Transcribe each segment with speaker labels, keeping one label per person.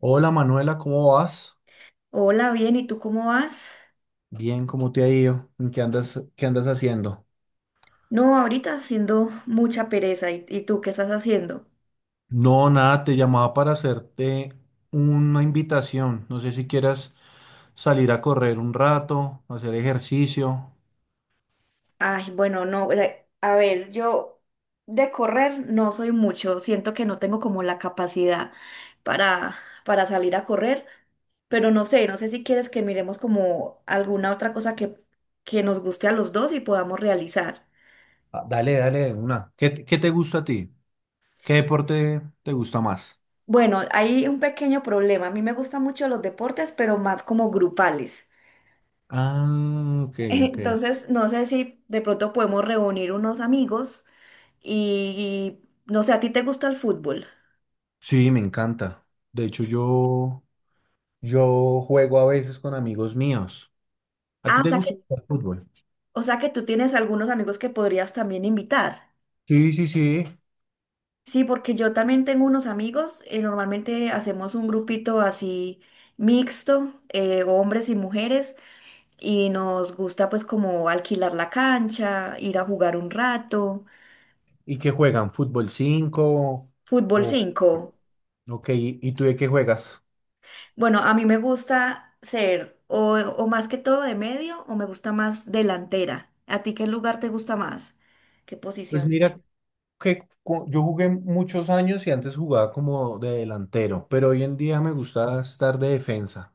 Speaker 1: Hola Manuela, ¿cómo vas?
Speaker 2: Hola, bien, ¿y tú cómo vas?
Speaker 1: Bien, ¿cómo te ha ido? ¿Qué andas haciendo?
Speaker 2: No, ahorita haciendo mucha pereza. ¿Y tú qué estás haciendo?
Speaker 1: No, nada, te llamaba para hacerte una invitación. No sé si quieras salir a correr un rato, hacer ejercicio.
Speaker 2: Ay, bueno, no, o sea, a ver, yo de correr no soy mucho. Siento que no tengo como la capacidad para, para salir a correr, pero no sé, no sé si quieres que miremos como alguna otra cosa que nos guste a los dos y podamos realizar.
Speaker 1: Ah, dale, dale, de una. ¿Qué te gusta a ti? ¿Qué deporte te gusta más?
Speaker 2: Bueno, hay un pequeño problema. A mí me gustan mucho los deportes, pero más como grupales.
Speaker 1: Ah, ok, ok.
Speaker 2: Entonces, no sé si de pronto podemos reunir unos amigos y, no sé, ¿a ti te gusta el fútbol?
Speaker 1: Sí, me encanta. De hecho, yo juego a veces con amigos míos. ¿A
Speaker 2: Ah,
Speaker 1: ti
Speaker 2: o
Speaker 1: te
Speaker 2: sea que,
Speaker 1: gusta el fútbol?
Speaker 2: o sea que tú tienes algunos amigos que podrías también invitar.
Speaker 1: Sí, sí, sí.
Speaker 2: Sí, porque yo también tengo unos amigos, normalmente hacemos un grupito así mixto, hombres y mujeres, y nos gusta pues como alquilar la cancha, ir a jugar un rato,
Speaker 1: ¿Y qué juegan? ¿Fútbol 5
Speaker 2: fútbol
Speaker 1: o,
Speaker 2: 5.
Speaker 1: ok, ¿y tú de qué juegas?
Speaker 2: Bueno, a mí me gusta ser o más que todo de medio o me gusta más delantera. ¿A ti qué lugar te gusta más? ¿Qué
Speaker 1: Pues
Speaker 2: posición?
Speaker 1: mira que yo jugué muchos años y antes jugaba como de delantero, pero hoy en día me gusta estar de defensa.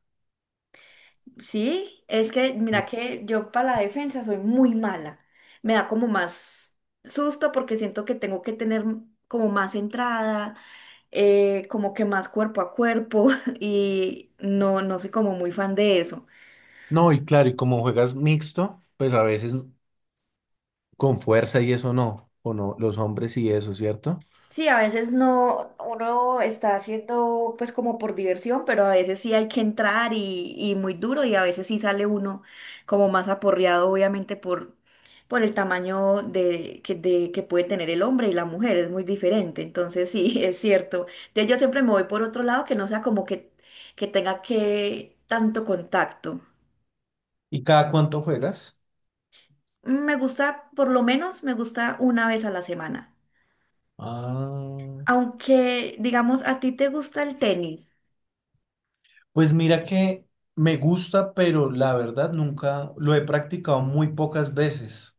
Speaker 2: Sí, es que mira que yo para la defensa soy muy mala. Me da como más susto porque siento que tengo que tener como más entrada, como que más cuerpo a cuerpo y no, no soy como muy fan de eso.
Speaker 1: No, y claro, y como juegas mixto, pues a veces con fuerza y eso no, o no, los hombres y eso, ¿cierto?
Speaker 2: Sí, a veces no, uno está haciendo pues como por diversión, pero a veces sí hay que entrar y muy duro y a veces sí sale uno como más aporreado, obviamente por el tamaño de que puede tener el hombre y la mujer, es muy diferente, entonces sí, es cierto. Entonces yo siempre me voy por otro lado que no sea como que tenga que tanto contacto.
Speaker 1: ¿Y cada cuánto juegas?
Speaker 2: Me gusta, por lo menos me gusta una vez a la semana,
Speaker 1: Ah,
Speaker 2: aunque digamos a ti te gusta el tenis.
Speaker 1: pues mira que me gusta, pero la verdad nunca lo he practicado, muy pocas veces.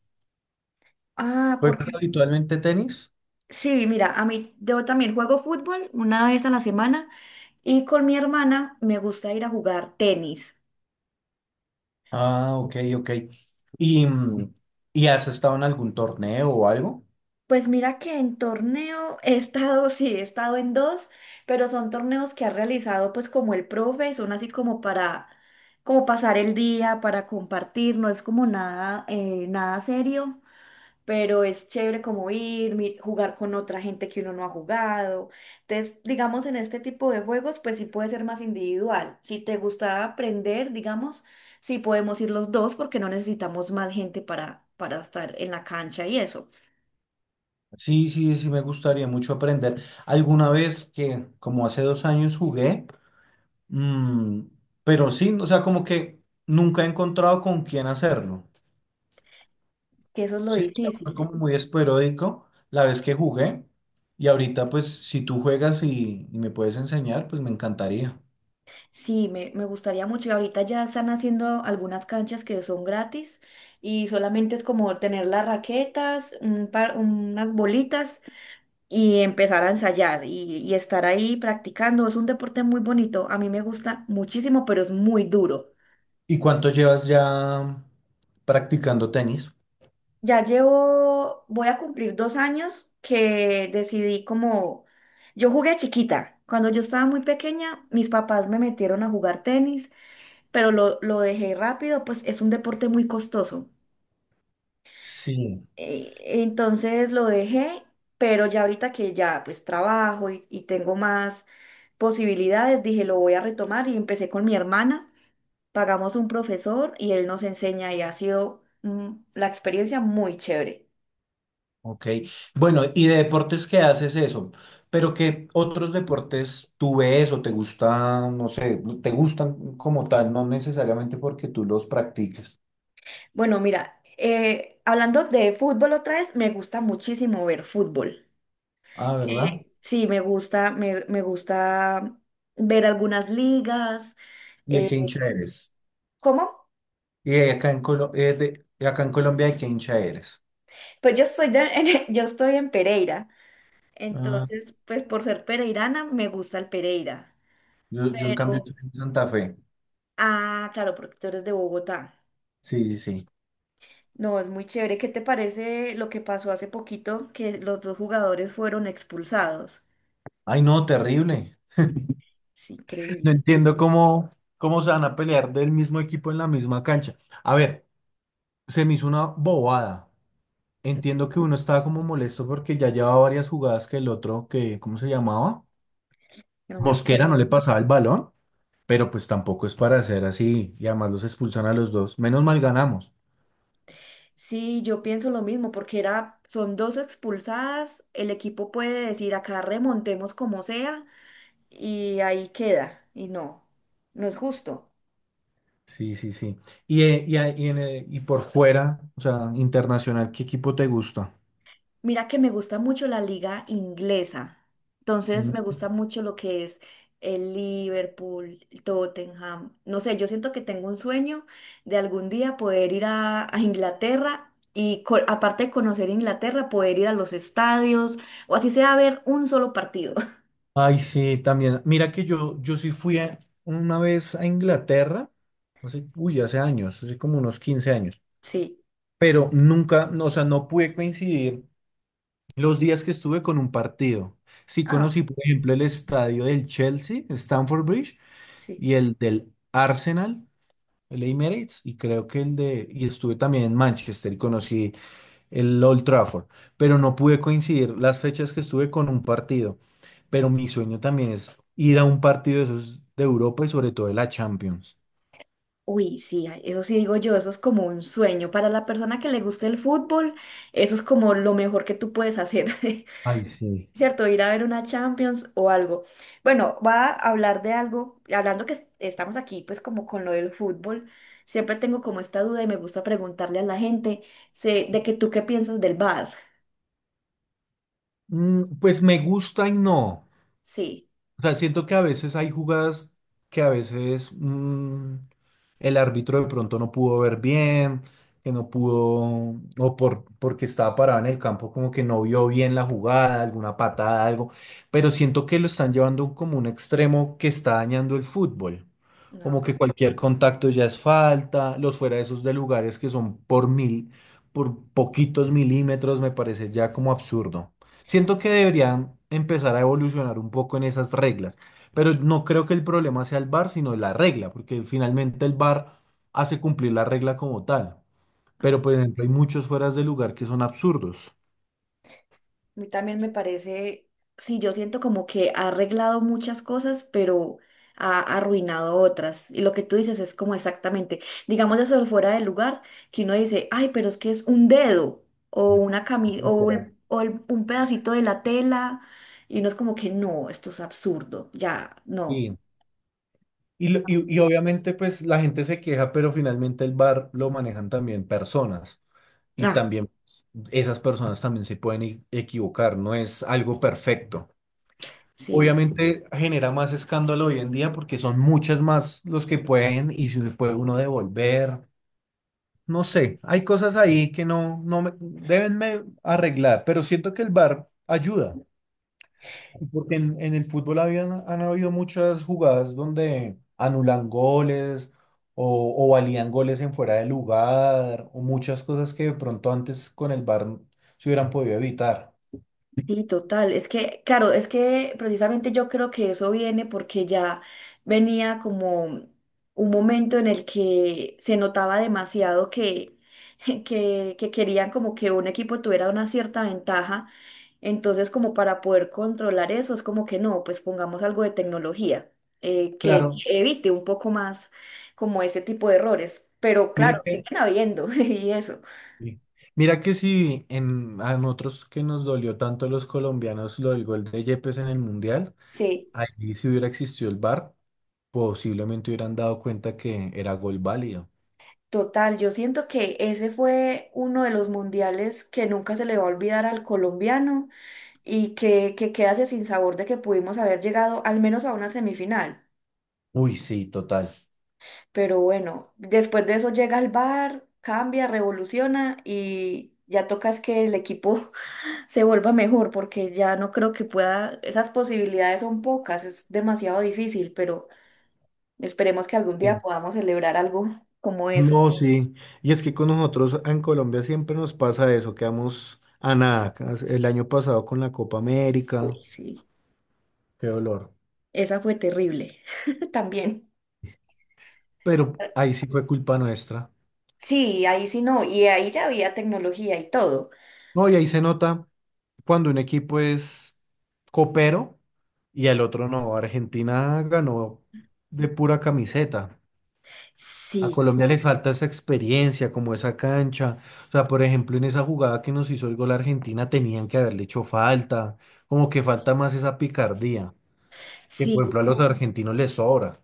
Speaker 2: Ah,
Speaker 1: ¿Juegas
Speaker 2: porque
Speaker 1: habitualmente tenis?
Speaker 2: sí, mira, a mí yo también juego fútbol una vez a la semana y con mi hermana me gusta ir a jugar tenis.
Speaker 1: Ah, ok, ok. ¿Y, y has estado en algún torneo o algo?
Speaker 2: Pues mira que en torneo he estado, sí, he estado en dos, pero son torneos que ha realizado pues como el profe, son así como para como pasar el día, para compartir, no es como nada, nada serio. Pero es chévere como ir, jugar con otra gente que uno no ha jugado. Entonces, digamos, en este tipo de juegos, pues sí puede ser más individual. Si te gusta aprender, digamos, sí podemos ir los dos porque no necesitamos más gente para estar en la cancha y eso,
Speaker 1: Sí, sí, sí, me gustaría mucho aprender. Alguna vez que, como hace dos años, jugué, mm, pero sí, o sea, como que nunca he encontrado con quién hacerlo.
Speaker 2: que eso es lo
Speaker 1: Sí, fue
Speaker 2: difícil.
Speaker 1: como muy esporádico la vez que jugué. Y ahorita, pues, si tú juegas y me puedes enseñar, pues me encantaría.
Speaker 2: Sí, me gustaría mucho. Y ahorita ya están haciendo algunas canchas que son gratis y solamente es como tener las raquetas, unas bolitas y empezar a ensayar y estar ahí practicando. Es un deporte muy bonito, a mí me gusta muchísimo, pero es muy duro.
Speaker 1: ¿Y cuánto llevas ya practicando tenis?
Speaker 2: Ya llevo, voy a cumplir dos años que decidí como, yo jugué chiquita. Cuando yo estaba muy pequeña, mis papás me metieron a jugar tenis, pero lo dejé rápido, pues es un deporte muy costoso.
Speaker 1: Sí.
Speaker 2: Eh, Entonces lo dejé, pero ya ahorita que ya pues trabajo y tengo más posibilidades, dije, lo voy a retomar y empecé con mi hermana. Pagamos un profesor y él nos enseña y ha sido la experiencia muy chévere.
Speaker 1: Ok, bueno, ¿y de deportes qué haces eso? Pero ¿qué otros deportes tú ves o te gustan, no sé, te gustan como tal, no necesariamente porque tú los practiques?
Speaker 2: Bueno, mira, hablando de fútbol otra vez, me gusta muchísimo ver fútbol.
Speaker 1: Ah, ¿verdad?
Speaker 2: Sí, me gusta, me gusta ver algunas ligas.
Speaker 1: ¿Y de
Speaker 2: ¿Eh,
Speaker 1: qué hincha eres?
Speaker 2: cómo?
Speaker 1: ¿Y de acá en Colombia de qué hincha eres?
Speaker 2: Pues yo estoy, yo estoy en Pereira,
Speaker 1: Ah,
Speaker 2: entonces, pues por ser pereirana, me gusta el Pereira.
Speaker 1: yo en cambio
Speaker 2: Pero,
Speaker 1: soy de Santa Fe.
Speaker 2: ah, claro, porque tú eres de Bogotá.
Speaker 1: Sí, sí, sí.
Speaker 2: No, es muy chévere. ¿Qué te parece lo que pasó hace poquito, que los dos jugadores fueron expulsados?
Speaker 1: Ay, no, terrible.
Speaker 2: Es
Speaker 1: No
Speaker 2: increíble.
Speaker 1: entiendo cómo, cómo se van a pelear del mismo equipo en la misma cancha. A ver, se me hizo una bobada. Entiendo que uno estaba como molesto porque ya llevaba varias jugadas que el otro, que, ¿cómo se llamaba?
Speaker 2: No me
Speaker 1: Mosquera
Speaker 2: acuerdo.
Speaker 1: no le pasaba el balón, pero pues tampoco es para hacer así y además los expulsan a los dos. Menos mal ganamos.
Speaker 2: Sí, yo pienso lo mismo, porque era, son dos expulsadas, el equipo puede decir acá remontemos como sea, y ahí queda. Y no, no es justo.
Speaker 1: Sí, sí, sí. Y por fuera, o sea, internacional, ¿qué equipo te gusta?
Speaker 2: Mira que me gusta mucho la liga inglesa. Entonces me
Speaker 1: Mm.
Speaker 2: gusta mucho lo que es el Liverpool, el Tottenham. No sé, yo siento que tengo un sueño de algún día poder ir a Inglaterra y aparte de conocer Inglaterra, poder ir a los estadios o así sea a ver un solo partido.
Speaker 1: Ay, sí, también. Mira que yo sí una vez a Inglaterra, hace, uy, hace años, hace como unos 15 años,
Speaker 2: Sí.
Speaker 1: pero nunca, no, o sea, no pude coincidir los días que estuve con un partido. Sí
Speaker 2: Ah,
Speaker 1: conocí, por ejemplo, el estadio del Chelsea, Stamford Bridge,
Speaker 2: sí.
Speaker 1: y el del Arsenal, el Emirates, y creo que el de... Y estuve también en Manchester y conocí el Old Trafford, pero no pude coincidir las fechas que estuve con un partido. Pero mi sueño también es ir a un partido de esos de Europa y sobre todo de la Champions.
Speaker 2: Uy, sí, ay, eso sí digo yo, eso es como un sueño. Para la persona que le gusta el fútbol, eso es como lo mejor que tú puedes hacer.
Speaker 1: Ay, sí.
Speaker 2: Cierto, ir a ver una Champions o algo. Bueno, va a hablar de algo, hablando que estamos aquí pues como con lo del fútbol, siempre tengo como esta duda y me gusta preguntarle a la gente sé, de que tú qué piensas del VAR.
Speaker 1: Pues me gusta y no.
Speaker 2: Sí,
Speaker 1: O sea, siento que a veces hay jugadas que a veces el árbitro de pronto no pudo ver bien, que no pudo, o por, porque estaba parado en el campo, como que no vio bien la jugada, alguna patada, algo. Pero siento que lo están llevando como un extremo que está dañando el fútbol.
Speaker 2: no.
Speaker 1: Como que cualquier contacto ya es falta, los fuera de esos de lugares que son por mil, por poquitos milímetros, me parece ya como absurdo. Siento que deberían empezar a evolucionar un poco en esas reglas, pero no creo que el problema sea el VAR, sino la regla, porque finalmente el VAR hace cumplir la regla como tal.
Speaker 2: Ah.
Speaker 1: Pero, por ejemplo, hay muchos fueras de lugar que son absurdos.
Speaker 2: A mí también me parece, sí, yo siento como que ha arreglado muchas cosas, pero ha arruinado otras. Y lo que tú dices es como exactamente, digamos eso de fuera del lugar, que uno dice, ay, pero es que es un dedo o una cami o,
Speaker 1: Literal.
Speaker 2: o un pedacito de la tela. Y uno es como que no, esto es absurdo, ya, no.
Speaker 1: Sí. Y, y obviamente, pues la gente se queja, pero finalmente el VAR lo manejan también personas. Y
Speaker 2: Ah,
Speaker 1: también esas personas también se pueden equivocar, no es algo perfecto.
Speaker 2: sí.
Speaker 1: Obviamente genera más escándalo hoy en día porque son muchas más los que pueden y si puede uno devolver. No sé, hay cosas ahí que no, deben arreglar, pero siento que el VAR ayuda, porque en el fútbol habían, han habido muchas jugadas donde anulan goles o valían goles en fuera de lugar o muchas cosas que de pronto antes con el VAR se hubieran podido evitar.
Speaker 2: Sí, total. Es que, claro, es que precisamente yo creo que eso viene porque ya venía como un momento en el que se notaba demasiado que, que querían como que un equipo tuviera una cierta ventaja. Entonces, como para poder controlar eso, es como que no, pues pongamos algo de tecnología
Speaker 1: Claro,
Speaker 2: que evite un poco más como este tipo de errores. Pero claro,
Speaker 1: mire que
Speaker 2: siguen habiendo y eso.
Speaker 1: sí. Mira que sí, en, a nosotros que nos dolió tanto los colombianos lo del gol de Yepes en el Mundial,
Speaker 2: Sí.
Speaker 1: ahí si hubiera existido el VAR, posiblemente hubieran dado cuenta que era gol válido.
Speaker 2: Total, yo siento que ese fue uno de los mundiales que nunca se le va a olvidar al colombiano y que queda ese sinsabor de que pudimos haber llegado al menos a una semifinal.
Speaker 1: Uy, sí, total.
Speaker 2: Pero bueno, después de eso llega el bar, cambia, revoluciona y ya toca es que el equipo se vuelva mejor porque ya no creo que pueda, esas posibilidades son pocas, es demasiado difícil, pero esperemos que algún día
Speaker 1: Sí.
Speaker 2: podamos celebrar algo como eso.
Speaker 1: No, sí. Y es que con nosotros en Colombia siempre nos pasa eso, quedamos a nada. El año pasado con la Copa América,
Speaker 2: Uy, sí,
Speaker 1: qué dolor.
Speaker 2: esa fue terrible también.
Speaker 1: Pero ahí sí fue culpa nuestra.
Speaker 2: Sí, ahí sí no, y ahí ya había tecnología y todo.
Speaker 1: No, y ahí se nota cuando un equipo es copero y el otro no. Argentina ganó de pura camiseta. A
Speaker 2: Sí,
Speaker 1: Colombia le falta esa experiencia, como esa cancha. O sea, por ejemplo, en esa jugada que nos hizo el gol Argentina tenían que haberle hecho falta, como que falta más esa picardía, que
Speaker 2: sí,
Speaker 1: por ejemplo a los argentinos les sobra.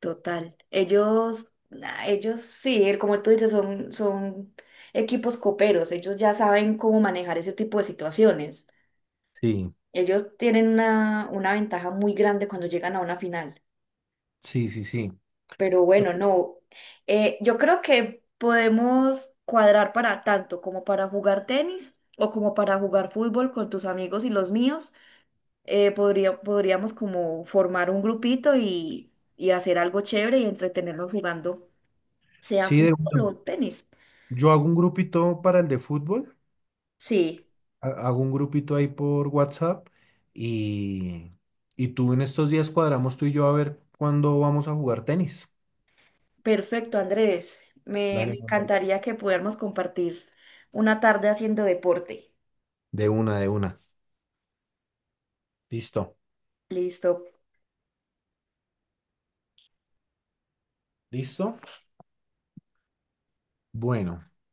Speaker 2: total. Ellos, nah, ellos sí, como tú dices, son equipos coperos, ellos ya saben cómo manejar ese tipo de situaciones.
Speaker 1: Sí,
Speaker 2: Ellos tienen una ventaja muy grande cuando llegan a una final.
Speaker 1: sí, sí, sí.
Speaker 2: Pero bueno,
Speaker 1: Entonces,
Speaker 2: no. Yo creo que podemos cuadrar para tanto como para jugar tenis o como para jugar fútbol con tus amigos y los míos. Podría, podríamos como formar un grupito y hacer algo chévere y entretenernos jugando, sea
Speaker 1: sí, de
Speaker 2: fútbol
Speaker 1: una.
Speaker 2: o tenis.
Speaker 1: Yo hago un grupito para el de fútbol,
Speaker 2: Sí,
Speaker 1: hago un grupito ahí por WhatsApp y, y tú en estos días cuadramos tú y yo a ver cuándo vamos a jugar tenis.
Speaker 2: perfecto, Andrés. Me
Speaker 1: Dale, Manuel,
Speaker 2: encantaría que pudiéramos compartir una tarde haciendo deporte.
Speaker 1: de una, de una. Listo,
Speaker 2: Listo.
Speaker 1: listo. Bueno.